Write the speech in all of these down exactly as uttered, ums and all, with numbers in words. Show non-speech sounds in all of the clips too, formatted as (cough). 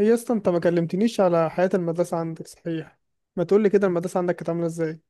هي اصلا انت ما كلمتنيش على حياة المدرسة عندك، صحيح؟ ما تقولي كده، المدرسة عندك كانت عاملة ازاي؟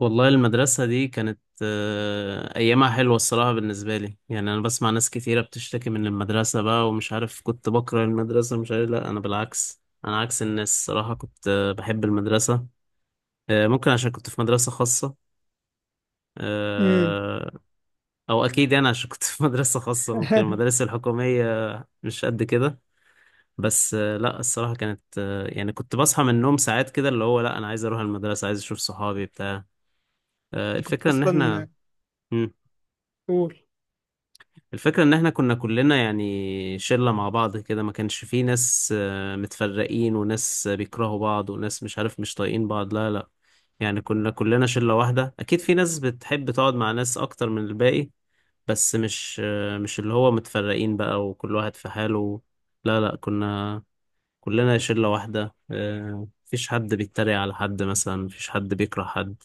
والله المدرسة دي كانت آه، أيامها حلوة الصراحة، بالنسبة لي يعني أنا بسمع ناس كتيرة بتشتكي من المدرسة بقى ومش عارف كنت بكره المدرسة مش عارف، لا أنا بالعكس، أنا عكس الناس الصراحة كنت آه، بحب المدرسة. آه، ممكن عشان كنت في مدرسة خاصة. امم. آه، أو أكيد يعني عشان كنت في (laughs) مدرسة خاصة، (laughs) ممكن انت المدارس الحكومية مش قد كده. بس آه، لا الصراحة كانت آه، يعني كنت بصحى من النوم ساعات كده اللي هو لا أنا عايز أروح المدرسة، عايز أشوف صحابي بتاع. آه، كنت الفكرة إن إحنا. اصلا. مم. قول. الفكرة ان احنا كنا كلنا يعني شلة مع بعض كده، ما كانش فيه ناس آه، متفرقين وناس بيكرهوا بعض وناس مش عارف مش طايقين بعض، لا لا. يعني كنا كلنا شلة واحدة، اكيد في ناس بتحب تقعد مع ناس اكتر من الباقي، بس مش آه، مش اللي هو متفرقين بقى وكل واحد في حاله. لا لا كنا كلنا شلة واحدة، آه، مفيش حد بيتريق على حد مثلا، مفيش حد بيكره حد.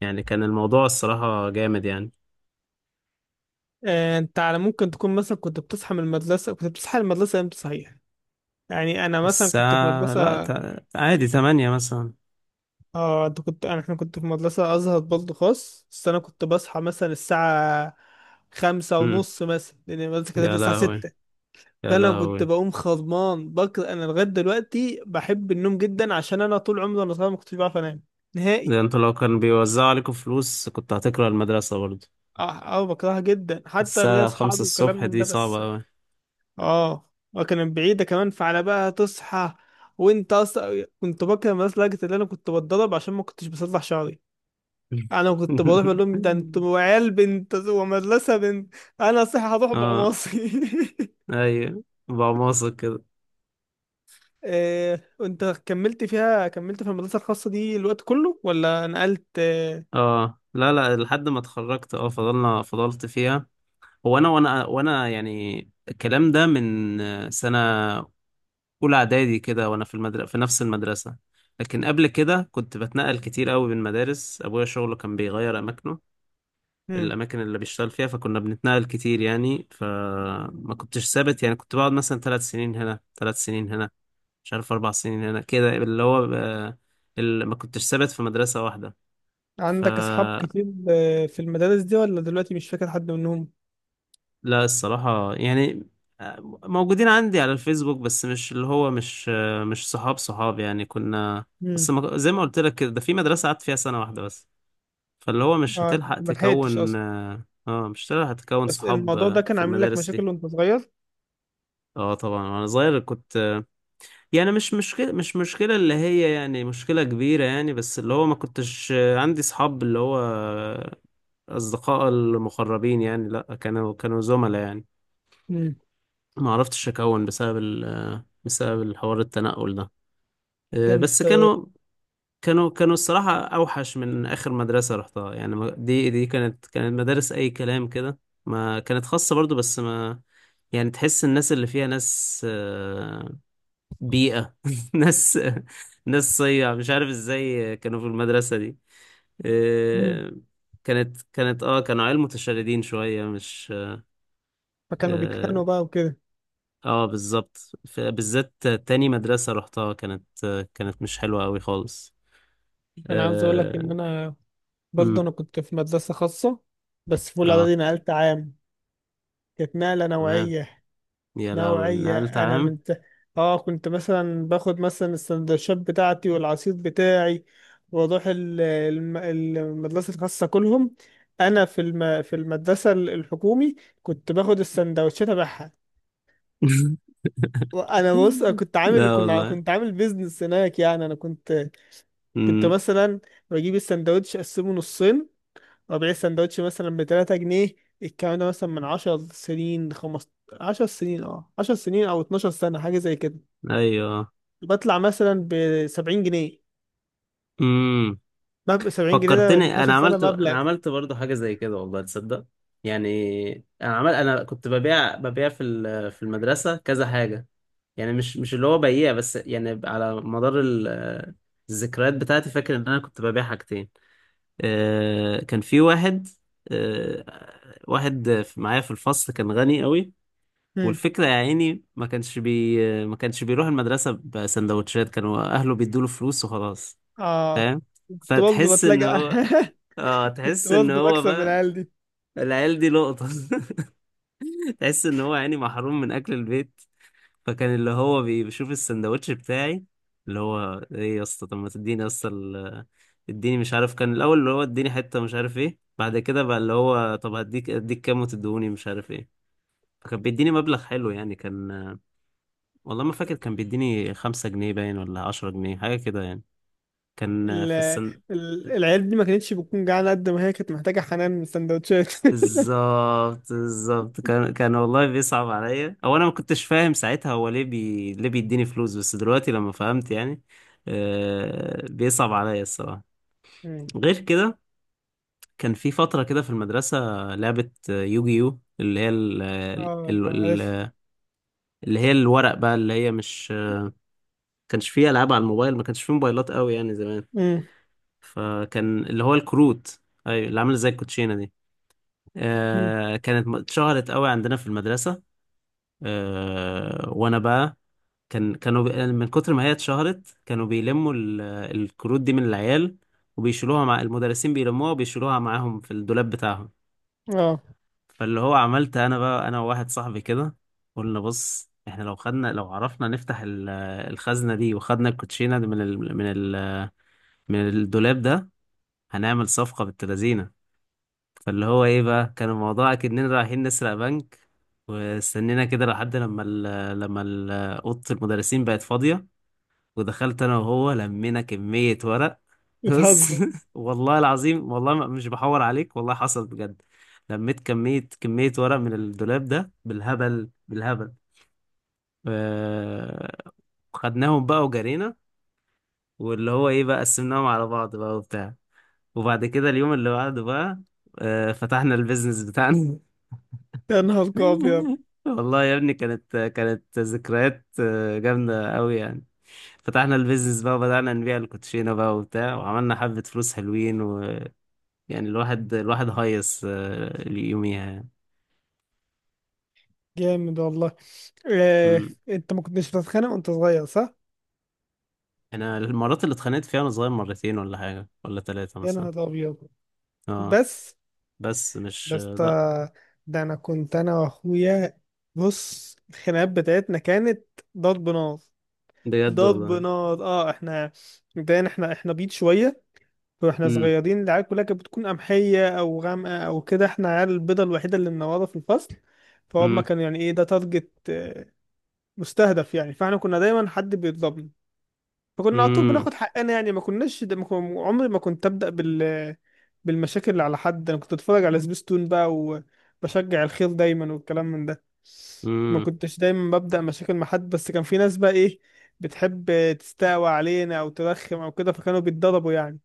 يعني كان الموضوع الصراحة جامد يعني. آه، انت على ممكن تكون مثلا كنت بتصحى من المدرسة كنت بتصحى من المدرسة امتى، صحيح؟ يعني انا مثلا كنت في الساعة لا مدرسة تع- عادي تمانية مثلا. اه انت كنت انا احنا كنت في مدرسة ازهر برضه خاص، بس انا كنت بصحى مثلا الساعة خمسة امم. ونص مثلا لان المدرسة كانت يا الساعة لهوي، ستة. يا فانا كنت لهوي. بقوم خضمان بكر. انا لغاية دلوقتي بحب النوم جدا عشان انا طول عمري وانا صغير ما كنتش بعرف انام نهائي. ده انتوا لو كان بيوزعوا عليكم فلوس كنت هتكره المدرسة برضه؟ اه. اه، بكرهها جدا حتى ليا الساعة خمسة اصحابي وكلام الصبح من دي ده، بس. صعبة أوي. اه، وكانت بعيدة كمان، فعلى بقى تصحى. وانت اصلا كنت بكره الناس لدرجة ان انا كنت بتضرب عشان ما كنتش بصلح شعري. انا كنت بروح بقول (laughs) لهم ده انتوا عيال بنت ومدرسة بنت. انا صحيح هروح اه. بعماصي. ايوه. بعماصة كده. إيه، (laughs) وانت كملت فيها كملت في المدرسة الخاصة دي الوقت كله ولا نقلت آه، اه لا لا، لحد ما اتخرجت، اه فضلنا فضلت فيها. هو انا وانا وانا يعني الكلام ده من سنة أولى إعدادي كده، وأنا في المدرسة، في نفس المدرسة. لكن قبل كده كنت بتنقل كتير قوي بين مدارس، أبويا شغله كان بيغير أماكنه، مم. الاماكن اللي بيشتغل فيها، فكنا بنتنقل كتير يعني، فما كنتش ثابت يعني، كنت بقعد مثلا تلات سنين هنا، تلات سنين هنا، مش عارف اربع سنين هنا، كده اللي هو بقى- اللي ما كنتش ثابت في مدرسة واحدة. عندك اصحاب فلا كتير آه، في المدارس دي، ولا دلوقتي مش فاكر حد منهم؟ الصراحة يعني موجودين عندي على الفيسبوك، بس مش اللي هو مش مش صحاب صحاب يعني، كنا بس مم. ما- زي ما قلت لك كده، ده في مدرسة قعدت فيها سنة واحدة بس، فاللي هو مش اه، هتلحق ما لحقتش تكون، اصلا. اه مش هتلحق تكون بس صحاب الموضوع ده كان في عامل لك المدارس دي. مشاكل وانت صغير؟ اه طبعا وانا صغير كنت، يعني مش مشكلة مش مشكلة اللي هي يعني مشكلة كبيرة يعني، بس اللي هو ما كنتش عندي صحاب اللي هو اصدقاء المقربين يعني، لا كانوا كانوا زملاء يعني. امم. ما عرفتش اكون بسبب ال بسبب الحوار التنقل ده. آه، كانت. بس كانوا كانوا كانوا الصراحة اوحش من اخر مدرسة رحتها يعني، ما- دي دي كانت كانت مدارس اي كلام كده. ما كانت خاصة برضو، بس ما يعني تحس الناس اللي فيها ناس آه، بيئة، (laughs) ناس ناس صيع مش عارف ازاي كانوا في المدرسة دي. امم. آه، كانت كانت اه كانوا عيال متشردين شوية، مش فكانوا اه بيتخانقوا بقى وكده. آه، بالظبط. ف- بالذات تاني مدرسة رحتها كانت آه، كانت مش حلوة قوي خالص. انا عاوز اقول لك ان اه. انا أمم. برضه انا كنت في مدرسة خاصة، بس في آه. الاعدادي نقلت عام. كانت نقلة تمام. نوعية. يا لهوي، نوعية نقلت انا عام. من ت... اه، كنت مثلا باخد مثلا السندوتشات بتاعتي والعصير بتاعي، واروح ال- الم- المدرسة الخاصة كلهم. انا في الم... في المدرسة الحكومي كنت باخد السندوتشات ابيعها. (laughs) انا، بص، أنا كنت عامل لا كنا والله. كنت عامل بيزنس هناك، يعني انا كنت كنت أمم. مثلا بجيب السندوتش اقسمه نصين، وابيع السندوتش مثلا ب ثلاثة جنيهات. الكلام ده مثلا من عشر سنين، خمسة عشر، عشر سنين، اه عشر سنين، او اتناشر سنة، حاجة زي كده. ايوه. بطلع مثلا ب سبعين جنيه. أمم. مبلغ سبعين جنيه ده من فكرتني، انا اتناشر سنة عملت انا مبلغ. عملت برضو حاجه زي كده، والله تصدق. يعني انا عمل انا كنت ببيع ببيع في ال- في المدرسه كذا حاجه، يعني مش مش اللي هو بيع بس يعني، على مدار ال- الذكريات بتاعتي، فاكر ان انا كنت ببيع حاجتين. آه، كان في واحد، آه، واحد في- معايا في الفصل، كان غني قوي. هم. والفكره يا عيني ما كانش بي ما كانش بيروح المدرسه بسندوتشات، كانوا اهله بيدوله فلوس وخلاص. اه، فاهم. كنت برضه فتحس ان بتلاقى هو اه (laughs) كنت تحس ان برضه هو بكسب من بقى العيال دي. العيال دي لقطة. (laughs) تحس ان هو يعني محروم من اكل البيت. فكان اللي هو بي- بيشوف السندوتش بتاعي، اللي هو ايه يا اسطى، طب ما تديني يا اسطى، ال- اديني، مش عارف، كان الاول اللي هو اديني حتة مش عارف ايه، بعد كده بقى اللي هو طب هديك، اديك كام وتدوني مش عارف ايه. فكان بيديني مبلغ حلو يعني، كان والله ما فاكر، كان بيديني خمسة جنيه باين ولا عشرة جنيه، حاجة كده يعني. كان ال... في السن... ال... العيال دي ما كانتش بتكون جعانة قد ما هي كانت محتاجة حنان من السندوتشات. بالظبط، بالظبط، كان كان والله بيصعب عليا، او انا ما كنتش فاهم ساعتها هو ليه بي... ليه بيديني فلوس، بس دلوقتي لما فهمت يعني آه... بيصعب عليا الصراحه. (laughs) غير كده كان في فتره كده في المدرسه لعبه آه، يوجي يو، اللي هي ال... ال... اه، عارف. ال... اللي هي الورق بقى، اللي هي مش كانش فيه العاب على الموبايل، ما كانش فيه موبايلات قوي يعني زمان، امم. فكان اللي هو الكروت، ايوه اللي عامله زي الكوتشينه دي. أمم. آه... كانت م- اتشهرت قوي عندنا في المدرسه. آه، وانا بقى، كان كانوا بي... يعني من كتر ما هي اتشهرت، كانوا بيلموا ال- الكروت دي من العيال، وبيشيلوها مع المدرسين، بيلموها وبيشيلوها معاهم في الدولاب بتاعهم. اه، فاللي هو عملت انا بقى، انا وواحد صاحبي كده، قلنا بص احنا لو خدنا، لو عرفنا نفتح ال- الخزنة دي وخدنا الكوتشينة دي من ال... من ال... من الدولاب ده، هنعمل صفقة بالتلازينة. فاللي هو ايه بقى، كان الموضوع اكننا رايحين نسرق بنك. واستنينا كده لحد لما ال لما ال- اوضه المدرسين بقت فاضيه، ودخلت انا وهو لمينا كميه ورق. بص، (laughs) بتهزر. والله العظيم، والله ما- مش بحور عليك، والله حصل بجد. لميت كميه كميه ورق من الدولاب ده، بالهبل بالهبل. آه، خدناهم بقى وجرينا، واللي هو ايه بقى، قسمناهم على بعض بقى وبتاع، وبعد كده اليوم اللي بعده بقى آه، فتحنا البيزنس بتاعنا. يا نهار ابيض. (laughs) والله يا ابني كانت كانت ذكريات آه، جامدة أوي يعني. فتحنا البيزنس بقى وبدأنا نبيع الكوتشينة بقى وبتاع، وعملنا حبة فلوس حلوين، ويعني الواحد الواحد هيص آه، يوميها يعني. جامد والله. آه. أمم. انت ما كنتش بتتخانق وانت صغير، صح؟ أنا المرات اللي اتخانقت فيها وأنا صغير مرتين ولا حاجة ولا تلاتة يا مثلا. نهار ابيض. اه. بس، بس مش يا اسطى، لأ. ده انا كنت انا واخويا. بص، الخناقات بتاعتنا كانت ضرب نار. بجد ضرب والله. نار. اه، احنا مبدئيا احنا احنا بيض شويه، واحنا أمم. صغيرين العيال كلها كانت بتكون قمحيه او غامقه او كده. احنا عيال البيضه الوحيده اللي منوره في الفصل. فهم أمم. كانوا يعني ايه ده، تارجت، مستهدف يعني. فاحنا كنا دايما حد بيضربنا، فكنا على طول أمم. بناخد حقنا. يعني ما كناش ده، ما كن- عمري ما كنت ابدا بال، بالمشاكل اللي على حد. انا كنت اتفرج على سبيستون بقى، وبشجع الخير دايما والكلام من ده. ما أمم. كنتش دايما ببدا مشاكل مع حد، بس كان في ناس بقى، ايه، بتحب تستقوى علينا، او ترخم، او كده، فكانوا بيتضربوا يعني.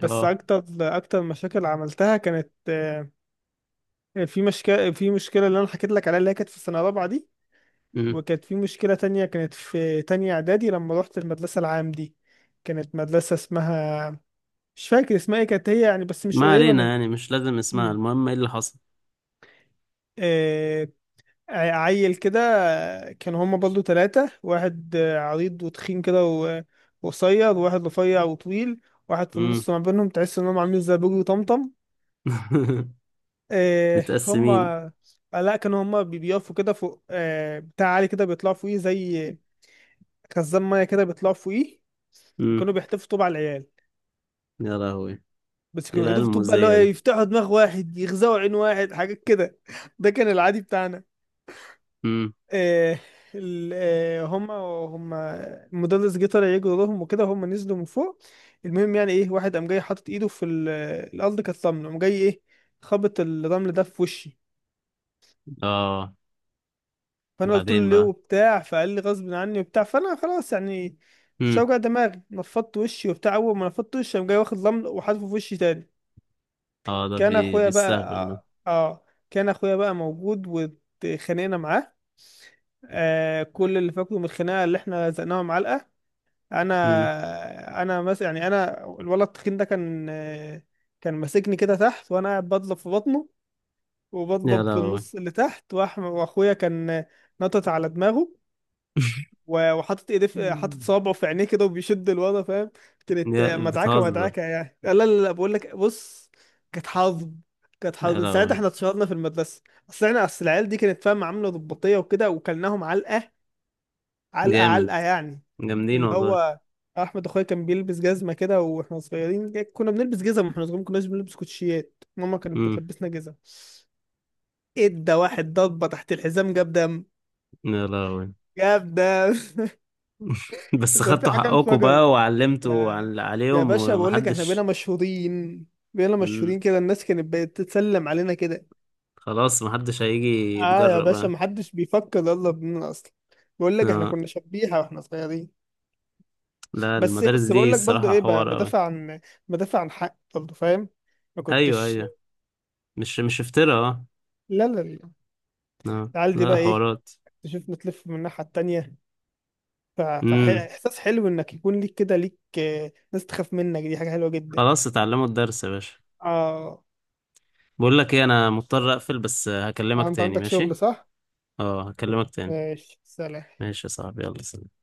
بس اه. اكتر اكتر مشاكل عملتها كانت آه، في مشكله في مشكله اللي انا حكيت لك عليها، اللي هي كانت في السنه الرابعه دي. أمم. وكانت في مشكلة تانية كانت في تانية إعدادي لما روحت المدرسة العام دي. كانت مدرسة اسمها، مش فاكر اسمها ايه، كانت هي يعني بس مش ما قريبة علينا من. يعني، مش لازم اسمها، مم. المهم ايه اللي حصل. آه... ع- عيل كده. كانوا هما برضو تلاتة، واحد آه، عريض وتخين كده، و- وقصير، وواحد رفيع وطويل، واحد في أمم. النص ما بينهم، تحس إنهم عاملين زي بوجي وطمطم. (laughs) آه... هما متقسمين. آه، لا، كانوا هما بي- بيقفوا كده فوق آه... بتاع عالي كده بيطلعوا فوقيه زي خزان مية كده بيطلعوا فوقيه. امم. وكانوا بيحتفوا طوب على العيال. يا لهوي، بس ايه كانوا العيال بيقعدوا في طوب بقى اللي هو المؤذية إيه، دي. يفتحوا دماغ واحد، يغزوا عين واحد، حاجات كده. ده كان العادي بتاعنا. امم. آه ال- آه، هما هما المدرس جه طلع يجري وراهم وكده، هما نزلوا من فوق. المهم، يعني ايه، واحد قام جاي حاطط ايده في ال- الارض، كانت رمل، قام جاي ايه، خبط الرمل ده في وشي. اه فانا قلت له بعدين ليه بقى. وبتاع، فقال لي غصب عني وبتاع. فانا خلاص يعني مش امم. هوجع دماغي، نفضت وشي وبتاع. اول ما نفضت وشي قام جاي واخد رمل وحاطه في وشي تاني. اه ده كان بي... اخويا بيستهبل ده. بقى، اه، كان اخويا بقى موجود، واتخانقنا معاه. آه كل اللي فاكره من الخناقه اللي احنا زقناها معلقه. امم. انا، انا مثلا يعني، انا الولد التخين ده كان آه، كان ماسكني كده تحت وانا قاعد بضرب في بطنه، يا وبضرب في لهوي. النص اللي تحت، وأح- واخويا كان آه، نطت على دماغه، (laughs) و- وحاطط ايديه في، حاطط صوابعه في عينيه كده وبيشد الوضع، فاهم. كانت يا مدعكه بتهزر. مدعكه يعني. لا لا لا، بقول لك بص، كانت حظ. كانت حظ يا من ساعتها لهوي. احنا اتشهرنا في المدرسه. اصل احنا، اصل العيال دي كانت فاهم عامله ضباطيه وكده، وكلناهم علقه علقه جامد. علقه يعني. جامدين اللي والله. هو احمد اخويا كان بيلبس جزمه كده واحنا صغيرين. كنا بنلبس جزم واحنا صغيرين، ما كناش بنلبس كوتشيات، ماما كانت امم. بتلبسنا جزم. ادى واحد ضربه تحت الحزام جاب دم. يا لهوي. جاب دم. (laughs) بس ففي خدتوا حاجه حقكم انفجرت. بقى وعلمتوا يا عل- يا عليهم باشا، بقول لك احنا بقينا ومحدش. مشهورين بقينا امم. مشهورين كده، الناس كانت بقت تتسلم علينا كده. خلاص محدش هيجي اه يا يتجرأ باشا، بقى. محدش بيفكر يلا بينا اصلا. بقول لك احنا اه كنا شبيحة واحنا صغيرين. لا، بس المدارس بس دي بقول لك برضه الصراحة ايه، ب- حوار أوي. بدافع عن بدافع عن حق برضه، فاهم. ما أيوه كنتش أيوه، مش مش افتراء، اه. لا لا لا، آه. العيال دي لا بقى ايه، حوارات. تشوفنا تلف من الناحية التانية. امم. فاحساس حلو انك يكون ليك كده ليك آه، ناس تخاف منك، دي حاجة حلوة جدا. خلاص اتعلموا الدرس يا باشا. اه، بقول لك ايه، انا مضطر اقفل بس، هكلمك انت تاني عندك ماشي؟ شغل، صح؟ اه هكلمك تاني. ماشي، سلام. ماشي يا صاحبي، يلا سلام.